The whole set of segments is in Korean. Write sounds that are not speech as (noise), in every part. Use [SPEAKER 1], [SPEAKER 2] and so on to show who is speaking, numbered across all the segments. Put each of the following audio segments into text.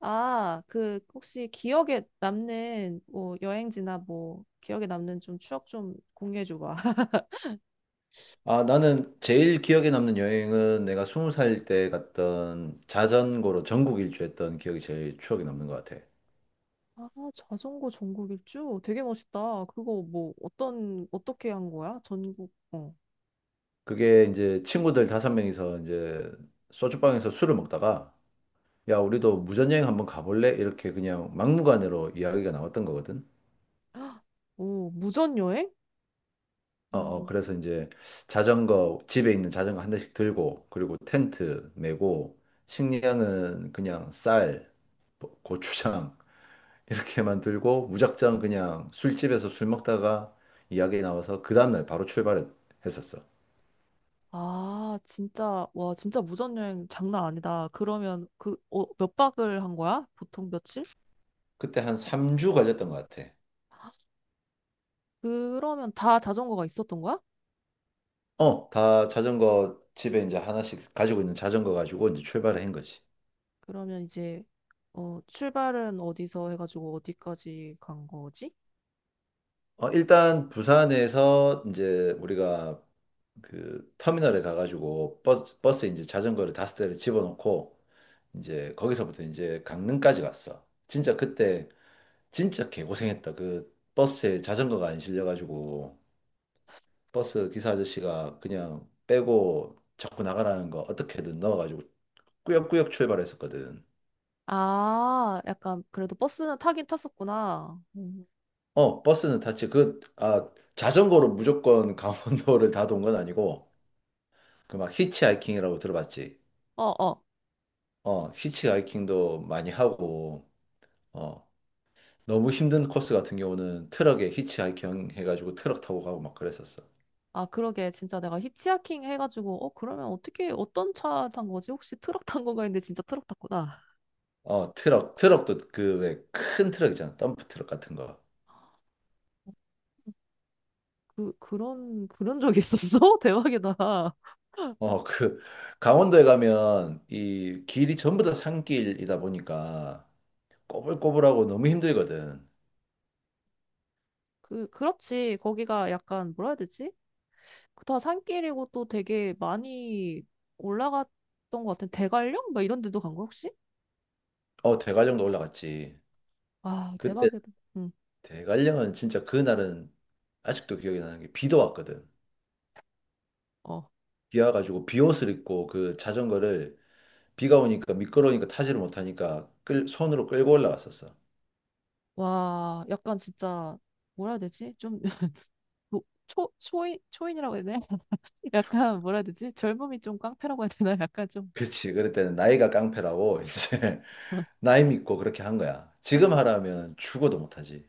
[SPEAKER 1] 아, 그 혹시 기억에 남는 뭐 여행지나 뭐 기억에 남는 좀 추억 좀 공유해 줘 봐. (laughs)
[SPEAKER 2] 아, 나는 제일 기억에 남는 여행은 내가 스무 살 때 갔던 자전거로 전국 일주했던 기억이 제일 추억에 남는 것 같아.
[SPEAKER 1] 아, 자전거 전국 일주 되게 멋있다. 그거 뭐 어떤 어떻게 한 거야? 전국 어.
[SPEAKER 2] 그게 이제 친구들 다섯 명이서 이제 소주방에서 술을 먹다가 야, 우리도 무전여행 한번 가볼래? 이렇게 그냥 막무가내로 이야기가 나왔던 거거든.
[SPEAKER 1] (gasps) 오, 무전 여행?
[SPEAKER 2] 어, 어,
[SPEAKER 1] 음.
[SPEAKER 2] 그래서 이제 집에 있는 자전거 한 대씩 들고, 그리고 텐트 메고, 식량은 그냥 쌀, 고추장, 이렇게 만들고 무작정 그냥 술집에서 술 먹다가 이야기 나와서 그 다음날 바로 출발했었어.
[SPEAKER 1] 아, 진짜 와, 진짜 무전 여행 장난 아니다. 그러면 그 어, 몇 박을 한 거야? 보통 며칠?
[SPEAKER 2] 그때 한 3주 걸렸던 것 같아.
[SPEAKER 1] 그러면 다 자전거가 있었던 거야?
[SPEAKER 2] 어, 다 자전거 집에 이제 하나씩 가지고 있는 자전거 가지고 이제 출발을 한 거지.
[SPEAKER 1] 그러면 이제 어, 출발은 어디서 해가지고 어디까지 간 거지?
[SPEAKER 2] 어, 일단 부산에서 이제 우리가 그 터미널에 가가지고 버스에 이제 자전거를 다섯 대를 집어넣고 이제 거기서부터 이제 강릉까지 갔어. 진짜 그때 진짜 개고생했다. 그 버스에 자전거가 안 실려가지고 버스 기사 아저씨가 그냥 빼고 자꾸 나가라는 거 어떻게든 넣어가지고 꾸역꾸역 출발했었거든.
[SPEAKER 1] 아, 약간 그래도 버스는 타긴 탔었구나. 음.
[SPEAKER 2] 어, 버스는 탔지. 그, 아, 자전거로 무조건 (laughs) 강원도를 다 돈 건 아니고, 그 막 히치하이킹이라고 들어봤지.
[SPEAKER 1] 어, 어.
[SPEAKER 2] 어, 히치하이킹도 많이 하고, 어, 너무 힘든 코스 같은 경우는 트럭에 히치하이킹 해가지고 트럭 타고 가고 막 그랬었어.
[SPEAKER 1] 아, 그러게. 진짜 내가 히치하킹 해가지고, 어, 그러면 어떻게, 어떤 차 탄 거지? 혹시 트럭 탄 건가 했는데 진짜 트럭 탔구나.
[SPEAKER 2] 어, 트럭도 그 왜 큰 트럭 있잖아. 덤프 트럭 같은 거.
[SPEAKER 1] 그런 적이 있었어? (laughs) 대박이다.
[SPEAKER 2] 어, 그, 강원도에 가면 이 길이 전부 다 산길이다 보니까 꼬불꼬불하고 너무 힘들거든.
[SPEAKER 1] 그렇지. 거기가 약간, 뭐라 해야 되지? 다 산길이고 또 되게 많이 올라갔던 것 같은 대관령? 막 이런 데도 간 거야, 혹시?
[SPEAKER 2] 어, 대관령도 올라갔지.
[SPEAKER 1] 와,
[SPEAKER 2] 그때
[SPEAKER 1] 대박이다. 응,
[SPEAKER 2] 대관령은 진짜 그날은 아직도 기억이 나는 게 비도 왔거든.
[SPEAKER 1] 어.
[SPEAKER 2] 비 와가지고 비옷을 입고 그 자전거를 비가 오니까 미끄러우니까 타지를 못하니까 손으로 끌고 올라갔었어.
[SPEAKER 1] 와, 약간 진짜, 뭐라 해야 되지? 좀, (laughs) 뭐, 초인이라고 해야 되나? (laughs) 약간, 뭐라 해야 되지? 젊음이 좀 깡패라고 해야 되나? 약간 좀.
[SPEAKER 2] 그치. 그랬더니 나이가 깡패라고 (laughs) 이제 나이 믿고 그렇게 한 거야. 지금
[SPEAKER 1] (laughs)
[SPEAKER 2] 하라면 죽어도 못하지.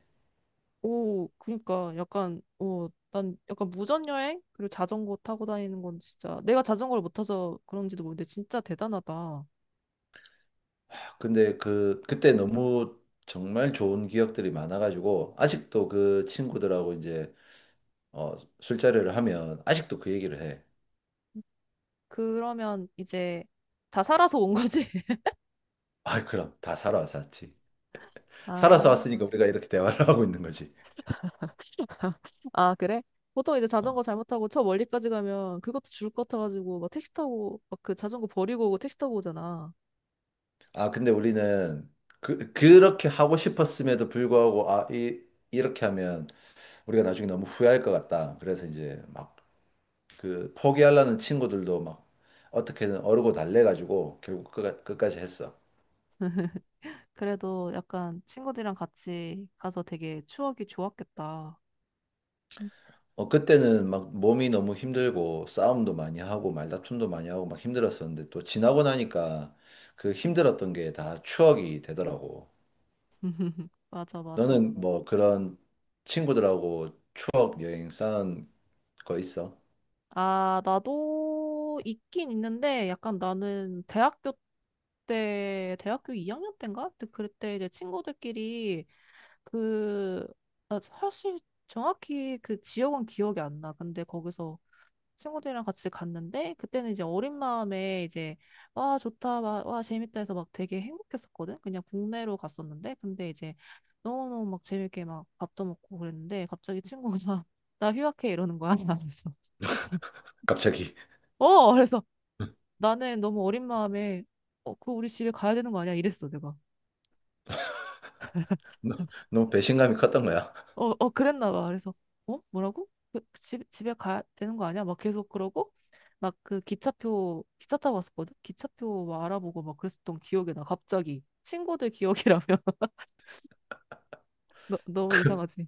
[SPEAKER 1] 오, 그니까, 약간, 오, 난 약간 무전여행? 그리고 자전거 타고 다니는 건 진짜, 내가 자전거를 못 타서 그런지도 모르는데, 진짜 대단하다.
[SPEAKER 2] 근데 그때 너무 정말 좋은 기억들이 많아가지고 아직도 그 친구들하고 이제 어, 술자리를 하면 아직도 그 얘기를 해.
[SPEAKER 1] 그러면 이제 다 살아서 온 거지? (laughs)
[SPEAKER 2] 아, 그럼 다 살아서 왔지. 살아서
[SPEAKER 1] 아.
[SPEAKER 2] 왔으니까 우리가 이렇게 대화를 (laughs) 하고 있는 거지.
[SPEAKER 1] 아, 그래? 보통 이제 자전거 잘못하고 저 멀리까지 가면 그것도 줄 것 같아가지고 막 택시 타고 막 그 자전거 버리고 오고 택시 타고 오잖아.
[SPEAKER 2] 아, 근데 우리는 그렇게 하고 싶었음에도 불구하고 아, 이 이렇게 하면 우리가 나중에 너무 후회할 것 같다. 그래서 이제 막 그 포기하려는 친구들도 막 어떻게든 어르고 달래가지고 결국 끝까지 했어.
[SPEAKER 1] 그래도 약간 친구들이랑 같이 가서 되게 추억이 좋았겠다.
[SPEAKER 2] 어, 그때는 막 몸이 너무 힘들고 싸움도 많이 하고 말다툼도 많이 하고 막 힘들었었는데 또 지나고 나니까 그 힘들었던 게 다 추억이 되더라고.
[SPEAKER 1] (laughs) 맞아, 맞아.
[SPEAKER 2] 너는 뭐 그런 친구들하고 추억 여행 쌓은 거 있어?
[SPEAKER 1] 아, 나도 있긴 있는데 약간 나는 대학교 때, 대학교 2학년 때인가? 그때 이제 친구들끼리 그, 아, 사실 정확히 그 지역은 기억이 안 나. 근데 거기서 친구들이랑 같이 갔는데 그때는 이제 어린 마음에 이제 와 좋다 와, 와 재밌다 해서 막 되게 행복했었거든. 그냥 국내로 갔었는데 근데 이제 너무너무 막 재밌게 막 밥도 먹고 그랬는데 갑자기 친구가 (laughs) 나 휴학해 이러는 거야. 그래서
[SPEAKER 2] 갑자기
[SPEAKER 1] 어, 그래서 나는 너무 어린 마음에 어, 그 우리 집에 가야 되는 거 아니야 이랬어 내가.
[SPEAKER 2] (laughs) 너- 너무 배신감이 컸던 거야. (laughs)
[SPEAKER 1] 어, 어, 그랬나 봐. 그래서, 어? 뭐라고? 그 그 집, 집에 가야 되는 거 아니야? 막 계속 그러고, 막 그 기차표, 기차 타고 왔었거든? 기차표 막 알아보고 막 그랬었던 기억이 나, 갑자기. 친구들 기억이라면. (laughs) 너, 너무 이상하지?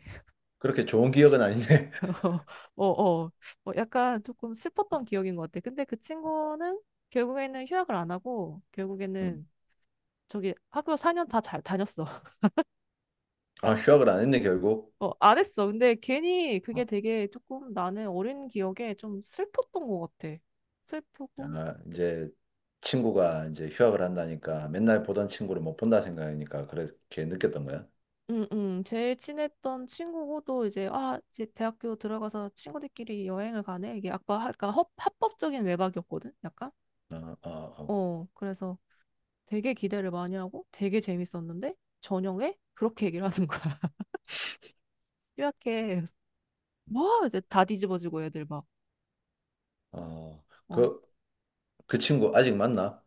[SPEAKER 2] 그렇게 좋은 기억은 아니네. (laughs)
[SPEAKER 1] (laughs) 어, 어, 어, 약간 조금 슬펐던 기억인 것 같아. 근데 그 친구는 결국에는 휴학을 안 하고,
[SPEAKER 2] 음.
[SPEAKER 1] 결국에는 저기 학교 4년 다 잘 다녔어. (laughs)
[SPEAKER 2] 아, 휴학을 안 했네, 결국.
[SPEAKER 1] 어, 안 했어. 근데 괜히 그게
[SPEAKER 2] 어.
[SPEAKER 1] 되게 조금 나는 어린 기억에 좀 슬펐던 것 같아. 슬프고
[SPEAKER 2] 아, 이제 친구가 이제 휴학을 한다니까 맨날 보던 친구를 못 본다 생각하니까 그렇게 느꼈던 거야.
[SPEAKER 1] 응, 응. 제일 친했던 친구고, 또 이제, 아, 이제 대학교 들어가서 친구들끼리 여행을 가네? 이게 아까, 아까 합법적인 외박이었거든? 약간?
[SPEAKER 2] 어, 어, 어.
[SPEAKER 1] 어, 그래서 되게 기대를 많이 하고 되게 재밌었는데, 저녁에 그렇게 얘기를 하는 거야. (laughs) 뾰약해. 뭐? 이제 다 뒤집어지고 애들 막.
[SPEAKER 2] 어,
[SPEAKER 1] 어,
[SPEAKER 2] 그 친구 아직 만나?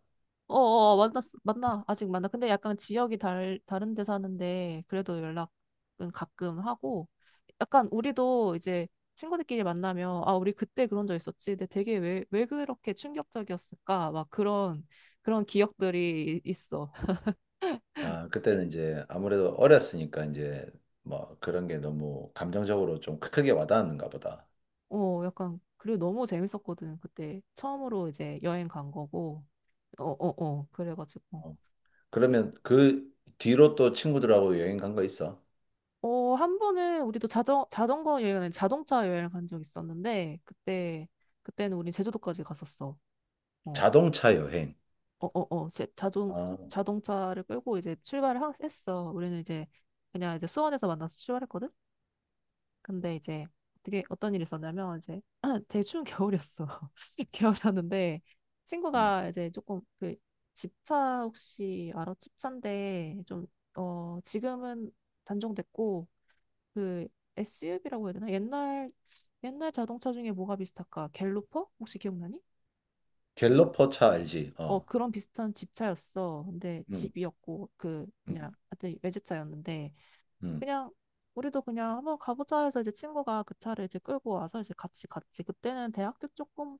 [SPEAKER 1] 어어 만났 만나, 아직 만나. 근데 약간 지역이 달 다른 데 사는데 그래도 연락은 가끔 하고, 약간 우리도 이제 친구들끼리 만나면, 아 우리 그때 그런 적 있었지, 근데 되게 왜 그렇게 충격적이었을까 막 그런 기억들이 있어.
[SPEAKER 2] 아, 그때는 이제 아무래도 어렸으니까 이제 뭐 그런 게 너무 감정적으로 좀 크게 와닿았는가 보다.
[SPEAKER 1] 어, 약간 그리고 너무 재밌었거든. 그때 처음으로 이제 여행 간 거고 어어어. 그래가지고
[SPEAKER 2] 어. 그러면 그 뒤로 또 친구들하고 여행 간 거 있어?
[SPEAKER 1] 어, 한 번은 우리도 자전거 여행은 아니라 자동차 여행을 간 적 있었는데, 그때, 그때는 우린 제주도까지 갔었어. 어,
[SPEAKER 2] 자동차 여행.
[SPEAKER 1] 어, 어, 어. 제, 자동,
[SPEAKER 2] 아,
[SPEAKER 1] 자동차를 끌고 이제 출발을 했어. 우리는 이제 그냥 이제 수원에서 만나서 출발했거든? 근데 이제 어떻게, 어떤 일이 있었냐면, 이제 (clears throat) 되게 추운 겨울이었어. (laughs) 겨울이었는데,
[SPEAKER 2] 음.
[SPEAKER 1] 친구가 이제 조금 그 집차 혹시 알아? 집차인데, 좀, 어, 지금은 단종됐고, 그 SUV라고 해야 되나? 옛날 자동차 중에 뭐가 비슷할까? 갤로퍼? 혹시 기억나니? 갤...
[SPEAKER 2] 갤러퍼 차 알지?
[SPEAKER 1] 어,
[SPEAKER 2] 어.
[SPEAKER 1] 그런 비슷한 집차였어. 근데
[SPEAKER 2] 음,
[SPEAKER 1] 집이었고 그
[SPEAKER 2] 음,
[SPEAKER 1] 그냥 하여튼 외제차였는데
[SPEAKER 2] 음.
[SPEAKER 1] 그냥 우리도 그냥 한번 가보자 해서 이제 친구가 그 차를 이제 끌고 와서 이제 같이 갔지. 그때는 대학교 조금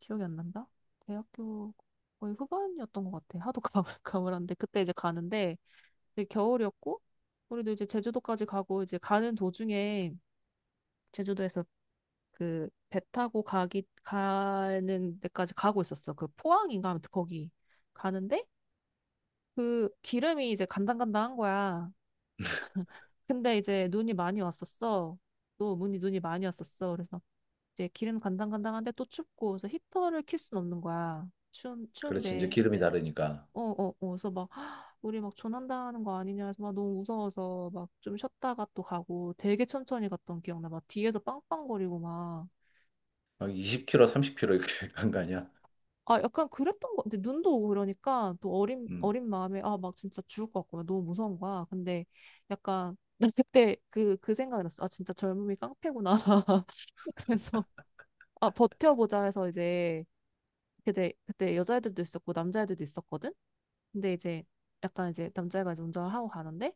[SPEAKER 1] 기억이 안 난다. 대학교 거의 후반이었던 것 같아. 하도 (laughs) 가물가물한데 그때 이제 가는데 이제 겨울이었고 우리도 이제 제주도까지 가고 이제 가는 도중에 제주도에서 그 배 타고 가기 가는 데까지 가고 있었어. 그 포항인가 아무튼 거기 가는데 그 기름이 이제 간당간당한 거야. 근데 이제 눈이 많이 왔었어. 또 눈이 많이 왔었어. 그래서 이제 기름 간당간당한데 또 춥고 그래서 히터를 킬 순 없는 거야. 추운
[SPEAKER 2] 그렇지. 이제
[SPEAKER 1] 추운데
[SPEAKER 2] 기름이 다르니까.
[SPEAKER 1] 어어어 그래서 막 (gasps) 우리 막 조난당하는 거 아니냐 해서 막 너무 무서워서 막 좀 쉬었다가 또 가고 되게 천천히 갔던 기억나. 막 뒤에서 빵빵거리고 막.
[SPEAKER 2] 막 2 0 k 로3 0 k 로 이렇게 (laughs) 간 거 아니야?
[SPEAKER 1] 아, 약간 그랬던 거 같아. 눈도 오고 그러니까 또 어린,
[SPEAKER 2] 음.
[SPEAKER 1] 어린 마음에 아, 막 진짜 죽을 것 같고 막 너무 무서운 거야. 근데 약간 (laughs) 난 그때 그, 그 생각이 났어. 아, 진짜 젊음이 깡패구나. (laughs) 그래서 아, 버텨보자 해서 이제 그때, 그때 여자애들도 있었고 남자애들도 있었거든? 근데 이제 약간 이제 남자애가 이제 운전을 하고 가는데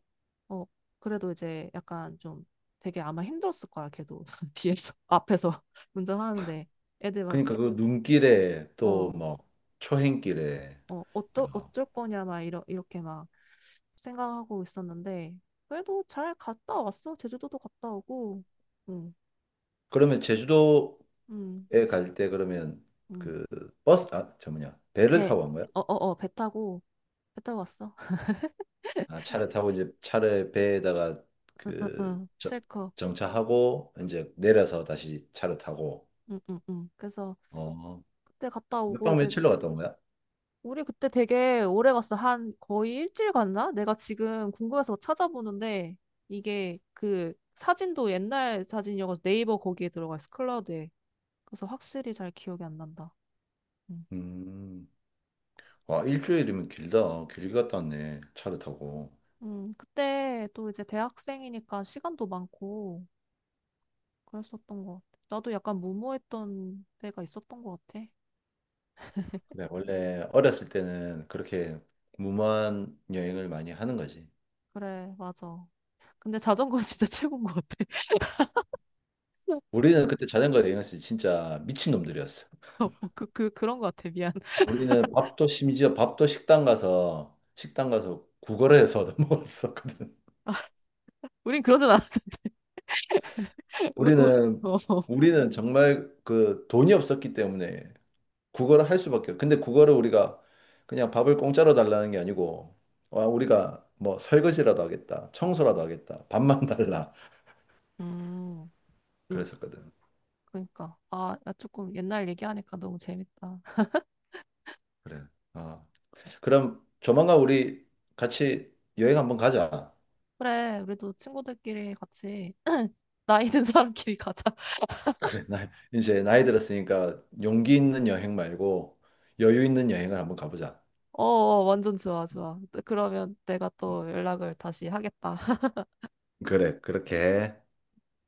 [SPEAKER 1] 어, 그래도 이제 약간 좀 되게 아마 힘들었을 거야. 걔도 (laughs) 뒤에서, 앞에서 (laughs) 운전하는데 애들 막
[SPEAKER 2] 그러니까 그 눈길에 또
[SPEAKER 1] 어,
[SPEAKER 2] 뭐 초행길에.
[SPEAKER 1] 어,
[SPEAKER 2] 어.
[SPEAKER 1] 어쩔 거냐, 막, 이렇게 막 생각하고 있었는데, 그래도 잘 갔다 왔어. 제주도도 갔다 오고, 응,
[SPEAKER 2] 그러면 제주도
[SPEAKER 1] 응,
[SPEAKER 2] 갈 때 그러면
[SPEAKER 1] 응.
[SPEAKER 2] 그 버스 아 저 뭐냐 배를
[SPEAKER 1] 배,
[SPEAKER 2] 타고 간 거야?
[SPEAKER 1] 어, 어, 어, 배 타고, 배 타고 왔어. (laughs)
[SPEAKER 2] 아 차를 타고 이제 차를 배에다가
[SPEAKER 1] 응,
[SPEAKER 2] 그
[SPEAKER 1] 응,
[SPEAKER 2] 저-
[SPEAKER 1] 실컷.
[SPEAKER 2] 정차하고 이제 내려서 다시 차를 타고
[SPEAKER 1] 응, 응, 응. 그래서
[SPEAKER 2] 어
[SPEAKER 1] 그때 갔다
[SPEAKER 2] 몇
[SPEAKER 1] 오고,
[SPEAKER 2] 박
[SPEAKER 1] 이제,
[SPEAKER 2] 며칠로 갔다 온 거야?
[SPEAKER 1] 우리 그때 되게 오래 갔어. 한 거의 일주일 갔나? 내가 지금 궁금해서 막 찾아보는데, 이게 그 사진도 옛날 사진이어서 네이버 거기에 들어가 있어. 클라우드에. 그래서 확실히 잘 기억이 안 난다. 응.
[SPEAKER 2] 음, 와, 일주일이면 길다. 길게 갔다 왔네. 차를 타고.
[SPEAKER 1] 그때 또 이제 대학생이니까 시간도 많고 그랬었던 것 같아. 나도 약간 무모했던 때가 있었던 것 같아.
[SPEAKER 2] 그래, 원래 어렸을 때는 그렇게 무모한 여행을 많이 하는 거지.
[SPEAKER 1] 그래, 맞아. 근데 자전거 (laughs) 진짜 최고인 것 같아. (laughs)
[SPEAKER 2] 우리는 그때 자전거 여행했을 때 진짜 미친놈들이었어.
[SPEAKER 1] 어, 어, 그, 그, 그런 것 같아. 미안. (laughs)
[SPEAKER 2] 우리는 밥도 심지어 밥도 식당 가서 구걸을 해서 얻어 먹었었거든.
[SPEAKER 1] 우린 그러진 않았대. (laughs) 우리, 우리,
[SPEAKER 2] 우리는
[SPEAKER 1] 어.
[SPEAKER 2] 우리는 정말 그 돈이 없었기 때문에 구걸을 할 수밖에. 근데 구걸을 우리가 그냥 밥을 공짜로 달라는 게 아니고 와 우리가 뭐 설거지라도 하겠다, 청소라도 하겠다, 밥만 (laughs) 달라
[SPEAKER 1] 음, 음,
[SPEAKER 2] 그랬었거든.
[SPEAKER 1] 그러니까. 아, 야, 조금 옛날 얘기하니까 너무 재밌다.
[SPEAKER 2] 그래. 어. 그럼 조만간 우리 같이 여행 한번 가자.
[SPEAKER 1] 그래, 우리도 친구들끼리 같이 (laughs) 나이 든 사람끼리 가자. (laughs)
[SPEAKER 2] (clears throat) 그래, 나, 이제 나이 들었으니까 용기 있는 여행 말고 여유 있는 여행을 한번 가보자.
[SPEAKER 1] 어, 어, 완전 좋아, 좋아. 그러면 내가
[SPEAKER 2] 음,
[SPEAKER 1] 또 연락을 다시 하겠다.
[SPEAKER 2] 그래, 그렇게 해.